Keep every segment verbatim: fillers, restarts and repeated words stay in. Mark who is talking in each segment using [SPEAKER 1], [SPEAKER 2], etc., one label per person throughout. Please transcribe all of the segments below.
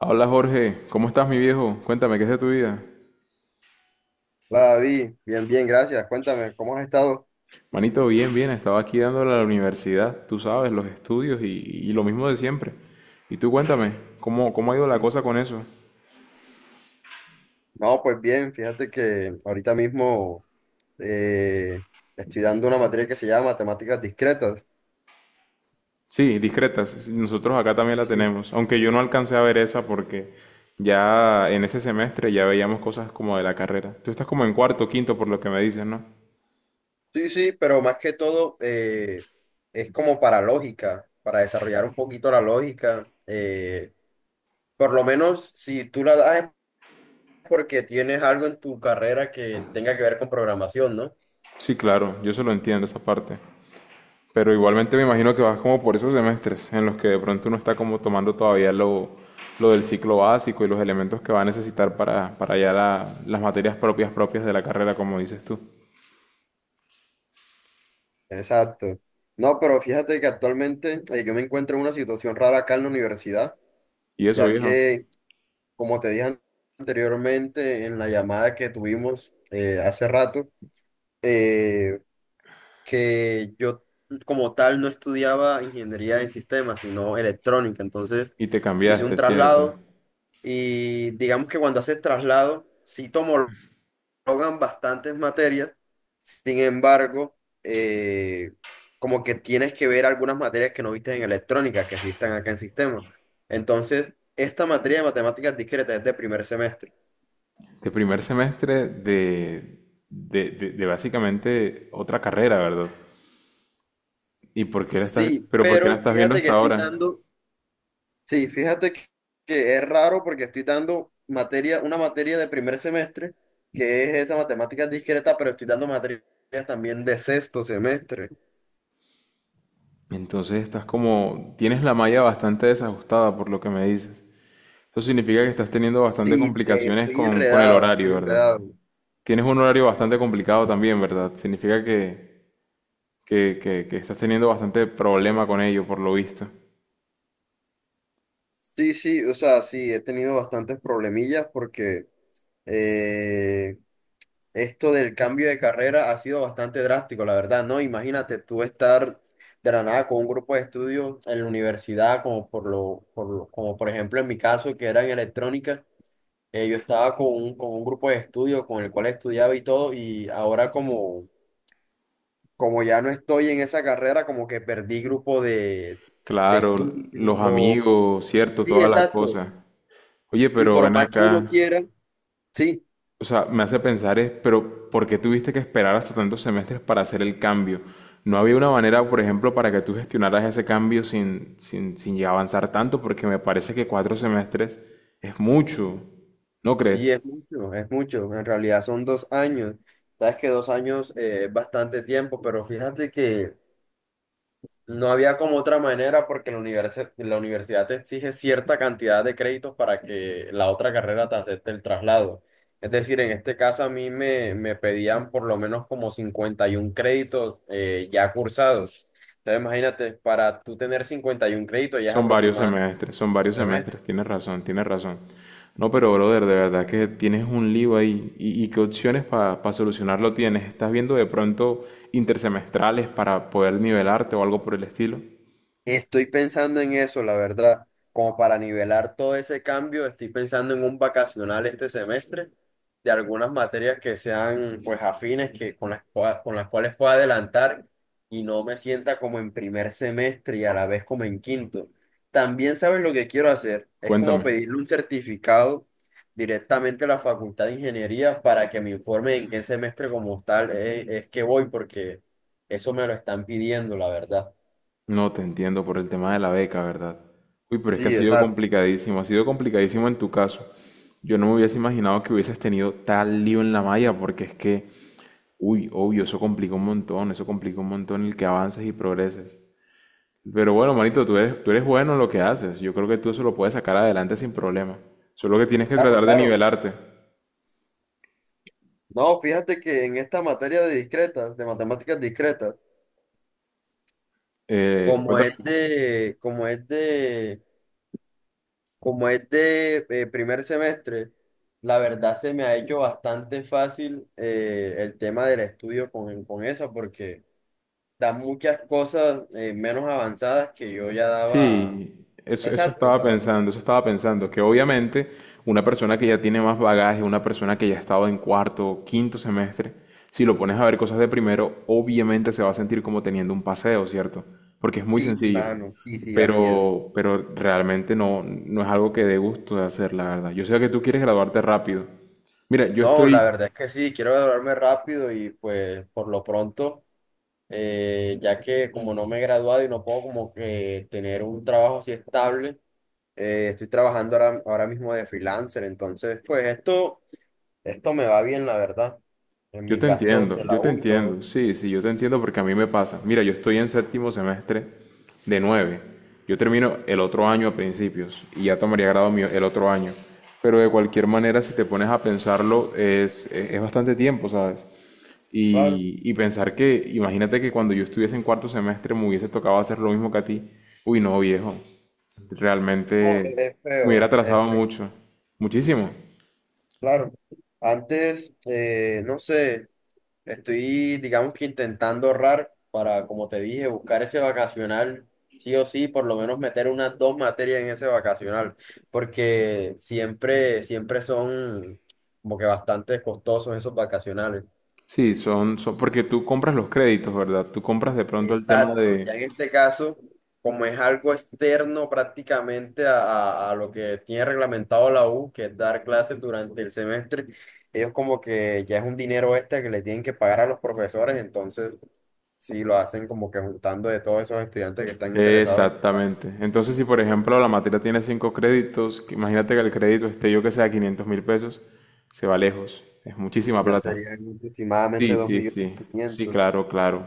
[SPEAKER 1] Hola Jorge, ¿cómo estás mi viejo? Cuéntame, ¿qué es de tu vida?
[SPEAKER 2] Hola David, bien, bien, gracias. Cuéntame, ¿cómo has estado?
[SPEAKER 1] Manito, bien, bien, estaba aquí dándole a la universidad, tú sabes, los estudios y, y lo mismo de siempre. Y tú cuéntame, ¿cómo, cómo ha ido la
[SPEAKER 2] Sí.
[SPEAKER 1] cosa con eso?
[SPEAKER 2] No, pues bien, fíjate que ahorita mismo eh, estoy dando una materia que se llama Matemáticas Discretas.
[SPEAKER 1] Sí, discretas, sí, nosotros acá también la
[SPEAKER 2] Sí,
[SPEAKER 1] tenemos, aunque yo no alcancé a ver esa porque ya en ese semestre ya veíamos cosas como de la carrera. Tú estás como en cuarto, quinto, por lo que me dices, ¿no?
[SPEAKER 2] sí, sí, pero más que todo eh, es como para lógica, para desarrollar un poquito la lógica. Eh, por lo menos si tú la das es porque tienes algo en tu carrera que tenga que ver con programación, ¿no?
[SPEAKER 1] Sí, claro, yo se lo entiendo esa parte. Pero igualmente me imagino que vas como por esos semestres en los que de pronto uno está como tomando todavía lo, lo del ciclo básico y los elementos que va a necesitar para, para ya la- las materias propias propias de la carrera, como dices tú.
[SPEAKER 2] Exacto. No, pero fíjate que actualmente eh, yo me encuentro en una situación rara acá en la universidad
[SPEAKER 1] Y eso,
[SPEAKER 2] ya
[SPEAKER 1] viejo.
[SPEAKER 2] que, como te dije an- anteriormente en la llamada que tuvimos eh, hace rato, eh, que yo como tal no estudiaba ingeniería en sistemas, sino electrónica. Entonces
[SPEAKER 1] Y te
[SPEAKER 2] hice un
[SPEAKER 1] cambiaste, ¿cierto?
[SPEAKER 2] traslado y digamos que cuando haces traslado, sí tomo ahogan bastantes materias, sin embargo, eh, como que tienes que ver algunas materias que no viste en electrónica, que sí están acá en sistema. Entonces, esta materia de matemáticas discretas es de primer semestre.
[SPEAKER 1] De primer semestre de, de, de, de básicamente otra carrera, ¿verdad? ¿Y por qué la estás,
[SPEAKER 2] Sí,
[SPEAKER 1] pero por qué la
[SPEAKER 2] pero
[SPEAKER 1] estás viendo
[SPEAKER 2] fíjate que
[SPEAKER 1] hasta
[SPEAKER 2] estoy
[SPEAKER 1] ahora?
[SPEAKER 2] dando, sí, fíjate que, que es raro porque estoy dando materia, una materia de primer semestre, que es esa matemática discreta, pero estoy dando materias también de sexto semestre.
[SPEAKER 1] Entonces estás como, tienes la malla bastante desajustada por lo que me dices. Eso significa que estás teniendo bastante
[SPEAKER 2] Sí, te,
[SPEAKER 1] complicaciones
[SPEAKER 2] estoy
[SPEAKER 1] con, con el
[SPEAKER 2] enredado, estoy
[SPEAKER 1] horario, ¿verdad?
[SPEAKER 2] enredado.
[SPEAKER 1] Tienes un horario bastante complicado también, ¿verdad? Significa que, que, que, que estás teniendo bastante problema con ello, por lo visto.
[SPEAKER 2] Sí, sí, o sea, sí, he tenido bastantes problemillas porque eh, esto del cambio de carrera ha sido bastante drástico, la verdad, ¿no? Imagínate tú estar de la nada con un grupo de estudio en la universidad, como por lo, por lo- como por ejemplo en mi caso, que era en electrónica, eh, yo estaba con un, con un grupo de estudio con el cual estudiaba y todo, y ahora como, como ya no estoy en esa carrera, como que perdí grupo de, de
[SPEAKER 1] Claro, los
[SPEAKER 2] estudio.
[SPEAKER 1] amigos, cierto,
[SPEAKER 2] Sí,
[SPEAKER 1] toda la
[SPEAKER 2] exacto.
[SPEAKER 1] cosa. Oye,
[SPEAKER 2] Y
[SPEAKER 1] pero
[SPEAKER 2] por
[SPEAKER 1] ven
[SPEAKER 2] más que uno
[SPEAKER 1] acá.
[SPEAKER 2] quiera, sí,
[SPEAKER 1] O sea, me hace pensar es, pero ¿por qué tuviste que esperar hasta tantos semestres para hacer el cambio? ¿No había una manera, por ejemplo, para que tú gestionaras ese cambio sin, sin, sin llegar a avanzar tanto? Porque me parece que cuatro semestres es mucho, ¿no
[SPEAKER 2] sí,
[SPEAKER 1] crees?
[SPEAKER 2] es mucho, es mucho. En realidad son dos años. Sabes que dos años eh, es bastante tiempo, pero fíjate que no había como otra manera porque la universidad, la universidad te exige cierta cantidad de créditos para que la otra carrera te acepte el traslado. Es decir, en este caso a mí me, me pedían por lo menos como cincuenta y un créditos eh, ya cursados. Entonces imagínate, para tú tener cincuenta y un créditos ya es
[SPEAKER 1] Son varios
[SPEAKER 2] aproximadamente.
[SPEAKER 1] semestres, son varios semestres, tienes razón, tienes razón. No, pero brother, de verdad que tienes un lío ahí. ¿Y, y qué opciones para solucionarlo tienes? ¿Estás viendo de pronto intersemestrales para poder nivelarte o algo por el estilo?
[SPEAKER 2] Estoy pensando en eso, la verdad. Como para nivelar todo ese cambio, estoy pensando en un vacacional este semestre de algunas materias que sean pues afines, que con las, cua- con las cuales pueda adelantar y no me sienta como en primer semestre y a la vez como en quinto. También sabes lo que quiero hacer, es como
[SPEAKER 1] Cuéntame.
[SPEAKER 2] pedirle un certificado directamente a la Facultad de Ingeniería para que me informe en qué semestre como tal es es que voy, porque eso me lo están pidiendo, la verdad.
[SPEAKER 1] No te entiendo por el tema de la beca, ¿verdad? Uy, pero es que ha
[SPEAKER 2] Sí,
[SPEAKER 1] sido
[SPEAKER 2] exacto.
[SPEAKER 1] complicadísimo, ha sido complicadísimo en tu caso. Yo no me hubiese imaginado que hubieses tenido tal lío en la malla, porque es que, uy, obvio, eso complica un montón, eso complica un montón el que avances y progreses. Pero bueno, manito, tú eres, tú eres bueno en lo que haces. Yo creo que tú eso lo puedes sacar adelante sin problema. Solo que tienes que
[SPEAKER 2] Claro,
[SPEAKER 1] tratar de
[SPEAKER 2] claro.
[SPEAKER 1] nivelarte.
[SPEAKER 2] No, fíjate que en esta materia de discretas, de matemáticas discretas,
[SPEAKER 1] Eh,
[SPEAKER 2] como es de, como es de, como es de eh, primer semestre, la verdad se me ha hecho bastante fácil eh, el tema del estudio con, con esa, porque da muchas cosas eh, menos avanzadas que yo ya daba.
[SPEAKER 1] Sí, eso, eso
[SPEAKER 2] Exacto, o
[SPEAKER 1] estaba
[SPEAKER 2] sea.
[SPEAKER 1] pensando, eso estaba pensando, que obviamente una persona que ya tiene más bagaje, una persona que ya ha estado en cuarto o quinto semestre, si lo pones a ver cosas de primero, obviamente se va a sentir como teniendo un paseo, ¿cierto? Porque es muy
[SPEAKER 2] Sí,
[SPEAKER 1] sencillo,
[SPEAKER 2] mano, sí, sí, así es.
[SPEAKER 1] pero, pero realmente no, no es algo que dé gusto de hacer, la verdad. Yo sé que tú quieres graduarte rápido. Mira, yo
[SPEAKER 2] No, la
[SPEAKER 1] estoy,
[SPEAKER 2] verdad es que sí, quiero graduarme rápido y pues por lo pronto. Eh, ya que como no me he graduado y no puedo como que tener un trabajo así estable, eh, estoy trabajando ahora, ahora mismo de freelancer, entonces pues esto, esto me va bien, la verdad, en
[SPEAKER 1] yo
[SPEAKER 2] mis
[SPEAKER 1] te
[SPEAKER 2] gastos
[SPEAKER 1] entiendo,
[SPEAKER 2] de
[SPEAKER 1] yo
[SPEAKER 2] la
[SPEAKER 1] te
[SPEAKER 2] U y todo,
[SPEAKER 1] entiendo, sí, sí, yo te entiendo porque a mí me pasa. Mira, yo estoy en séptimo semestre de nueve. Yo termino el otro año a principios y ya tomaría grado mío el otro año. Pero de cualquier manera, si te pones a pensarlo, es, es, es bastante tiempo, ¿sabes?
[SPEAKER 2] claro.
[SPEAKER 1] Y, y pensar que, imagínate que cuando yo estuviese en cuarto semestre me hubiese tocado hacer lo mismo que a ti. Uy, no, viejo.
[SPEAKER 2] No, es
[SPEAKER 1] Realmente
[SPEAKER 2] es
[SPEAKER 1] me hubiera
[SPEAKER 2] feo, es
[SPEAKER 1] atrasado
[SPEAKER 2] feo,
[SPEAKER 1] mucho, muchísimo.
[SPEAKER 2] claro. Antes, eh, no sé. Estoy, digamos que intentando ahorrar para, como te dije, buscar ese vacacional, sí o sí, por lo menos meter unas dos materias en ese vacacional, porque siempre, siempre son como que bastante costosos esos vacacionales.
[SPEAKER 1] Sí, son, son, porque tú compras los créditos, ¿verdad? Tú compras de pronto el tema
[SPEAKER 2] Exacto, ya
[SPEAKER 1] de.
[SPEAKER 2] en este caso, como es algo externo prácticamente a, a- a lo que tiene reglamentado la U, que es dar clases durante el semestre, ellos como que ya es un dinero extra que le tienen que pagar a los profesores, entonces si lo hacen como que juntando de todos esos estudiantes que están interesados,
[SPEAKER 1] Exactamente. Entonces, si por ejemplo la materia tiene cinco créditos, que- imagínate que el crédito esté yo que sea quinientos mil pesos, se va lejos. Es muchísima
[SPEAKER 2] ya
[SPEAKER 1] plata.
[SPEAKER 2] serían aproximadamente
[SPEAKER 1] Sí,
[SPEAKER 2] dos
[SPEAKER 1] sí,
[SPEAKER 2] millones
[SPEAKER 1] sí, sí,
[SPEAKER 2] quinientos
[SPEAKER 1] claro, claro.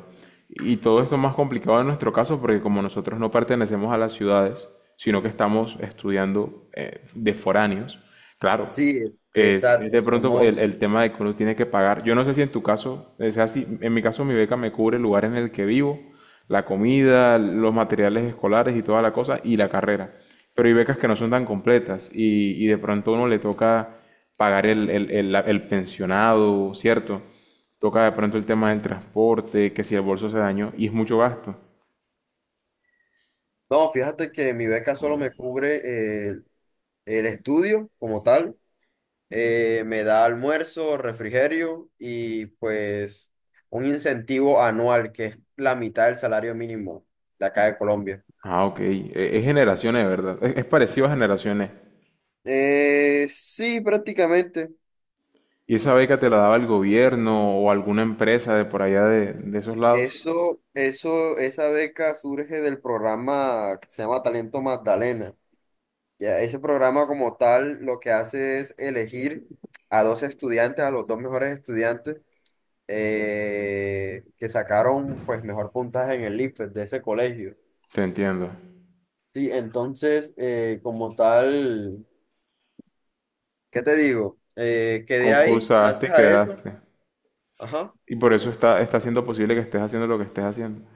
[SPEAKER 1] Y todo esto más complicado en nuestro caso porque como nosotros no pertenecemos a las ciudades, sino que estamos estudiando eh, de foráneos, claro,
[SPEAKER 2] Sí, es,
[SPEAKER 1] es, es de
[SPEAKER 2] exacto,
[SPEAKER 1] pronto el,
[SPEAKER 2] somos...
[SPEAKER 1] el tema de que uno tiene que pagar. Yo no sé si en tu caso es así, en mi caso mi beca me cubre el lugar en el que vivo, la comida, los materiales escolares y toda la cosa y la carrera. Pero hay becas que no son tan completas y, y de pronto a uno le toca pagar el, el el- la- el pensionado, ¿cierto? Toca de pronto el tema del transporte, que si el bolso se dañó, y es mucho gasto.
[SPEAKER 2] No, fíjate que mi beca solo me cubre eh, el estudio como tal, eh, me da almuerzo, refrigerio y pues un incentivo anual que es la mitad del salario mínimo de acá de Colombia.
[SPEAKER 1] Ah, ok. E- Es generaciones, de verdad. Es, es parecido a generaciones.
[SPEAKER 2] Eh, sí, prácticamente.
[SPEAKER 1] ¿Y esa beca te la daba el gobierno o alguna empresa de por allá de, de esos lados?
[SPEAKER 2] Eso, eso, esa beca surge del programa que se llama Talento Magdalena. Ya, ese programa como tal lo que hace es elegir a dos estudiantes, a los dos mejores estudiantes eh, que sacaron pues mejor puntaje en el I F E S de ese colegio.
[SPEAKER 1] Te entiendo.
[SPEAKER 2] Sí, entonces eh, como tal, ¿qué te digo? Eh, quedé ahí
[SPEAKER 1] Concursaste y
[SPEAKER 2] gracias a eso.
[SPEAKER 1] quedaste.
[SPEAKER 2] Ajá.
[SPEAKER 1] Y por eso está, está siendo posible que estés haciendo lo que estés haciendo.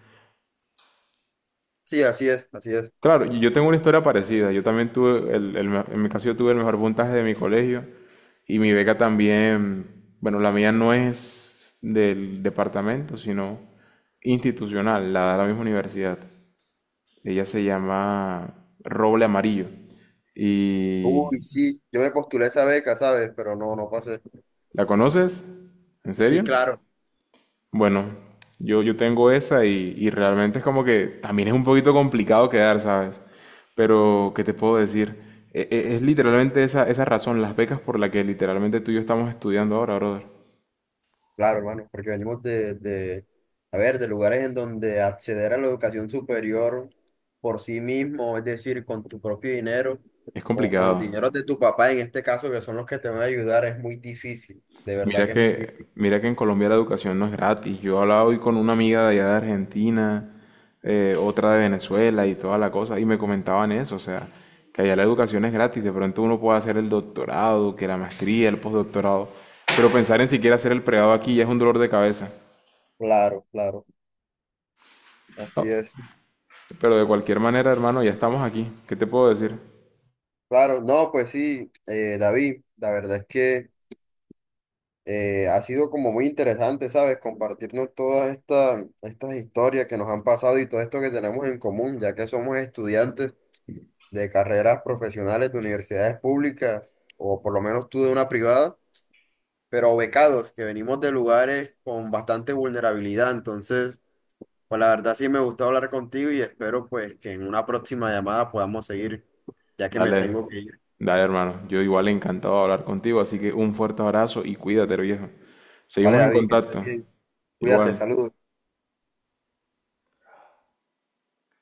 [SPEAKER 2] Sí, así es, así es.
[SPEAKER 1] Claro, y yo tengo una historia parecida. Yo también tuve, el, el me- en mi caso yo tuve el mejor puntaje de mi colegio y mi beca también, bueno, la mía no es del departamento, sino institucional, la de la misma universidad. Ella se llama Roble Amarillo.
[SPEAKER 2] Uy,
[SPEAKER 1] ¿Y
[SPEAKER 2] sí, yo me postulé esa beca, ¿sabes? Pero no, no pasé.
[SPEAKER 1] la conoces? ¿En
[SPEAKER 2] Sí,
[SPEAKER 1] serio?
[SPEAKER 2] claro.
[SPEAKER 1] Bueno, yo, yo tengo esa y, y realmente es como que también es un poquito complicado quedar, ¿sabes? Pero, ¿qué te puedo decir? E- e- Es, literalmente esa, esa razón, las becas por la que literalmente tú y yo estamos estudiando ahora, brother.
[SPEAKER 2] Claro, hermano, porque venimos de, de, a ver, de lugares en donde acceder a la educación superior por sí mismo, es decir, con tu propio dinero
[SPEAKER 1] Es
[SPEAKER 2] o con los
[SPEAKER 1] complicado.
[SPEAKER 2] dineros de tu papá, en este caso, que son los que te van a ayudar, es muy difícil, de verdad
[SPEAKER 1] Mira
[SPEAKER 2] que es muy
[SPEAKER 1] que,
[SPEAKER 2] difícil.
[SPEAKER 1] mira que en Colombia la educación no es gratis. Yo hablaba hoy con una amiga de allá de Argentina, eh, otra de Venezuela y toda la cosa, y me comentaban eso, o sea, que allá la educación es gratis. De pronto uno puede hacer el doctorado, que la maestría, el postdoctorado, pero pensar en siquiera hacer el pregrado aquí ya es un dolor de cabeza.
[SPEAKER 2] Claro, claro,
[SPEAKER 1] No,
[SPEAKER 2] así es.
[SPEAKER 1] pero de cualquier manera, hermano, ya estamos aquí. ¿Qué te puedo decir?
[SPEAKER 2] Claro, no, pues sí, eh, David, la verdad es que... Eh, ha sido como muy interesante, ¿sabes? Compartirnos todas estas estas historias que nos han pasado y todo esto que tenemos en común, ya que somos estudiantes de carreras profesionales de universidades públicas, o por lo menos tú de una privada, pero becados, que venimos de lugares con bastante vulnerabilidad. Entonces, pues la verdad sí me gustó hablar contigo y espero pues que en una próxima llamada podamos seguir, ya que me
[SPEAKER 1] Dale,
[SPEAKER 2] tengo que ir.
[SPEAKER 1] dale, hermano. Yo igual encantado de hablar contigo, así que un fuerte abrazo y cuídate, viejo.
[SPEAKER 2] Vale,
[SPEAKER 1] Seguimos en
[SPEAKER 2] David, que estés
[SPEAKER 1] contacto.
[SPEAKER 2] bien. Cuídate,
[SPEAKER 1] Igual.
[SPEAKER 2] saludos.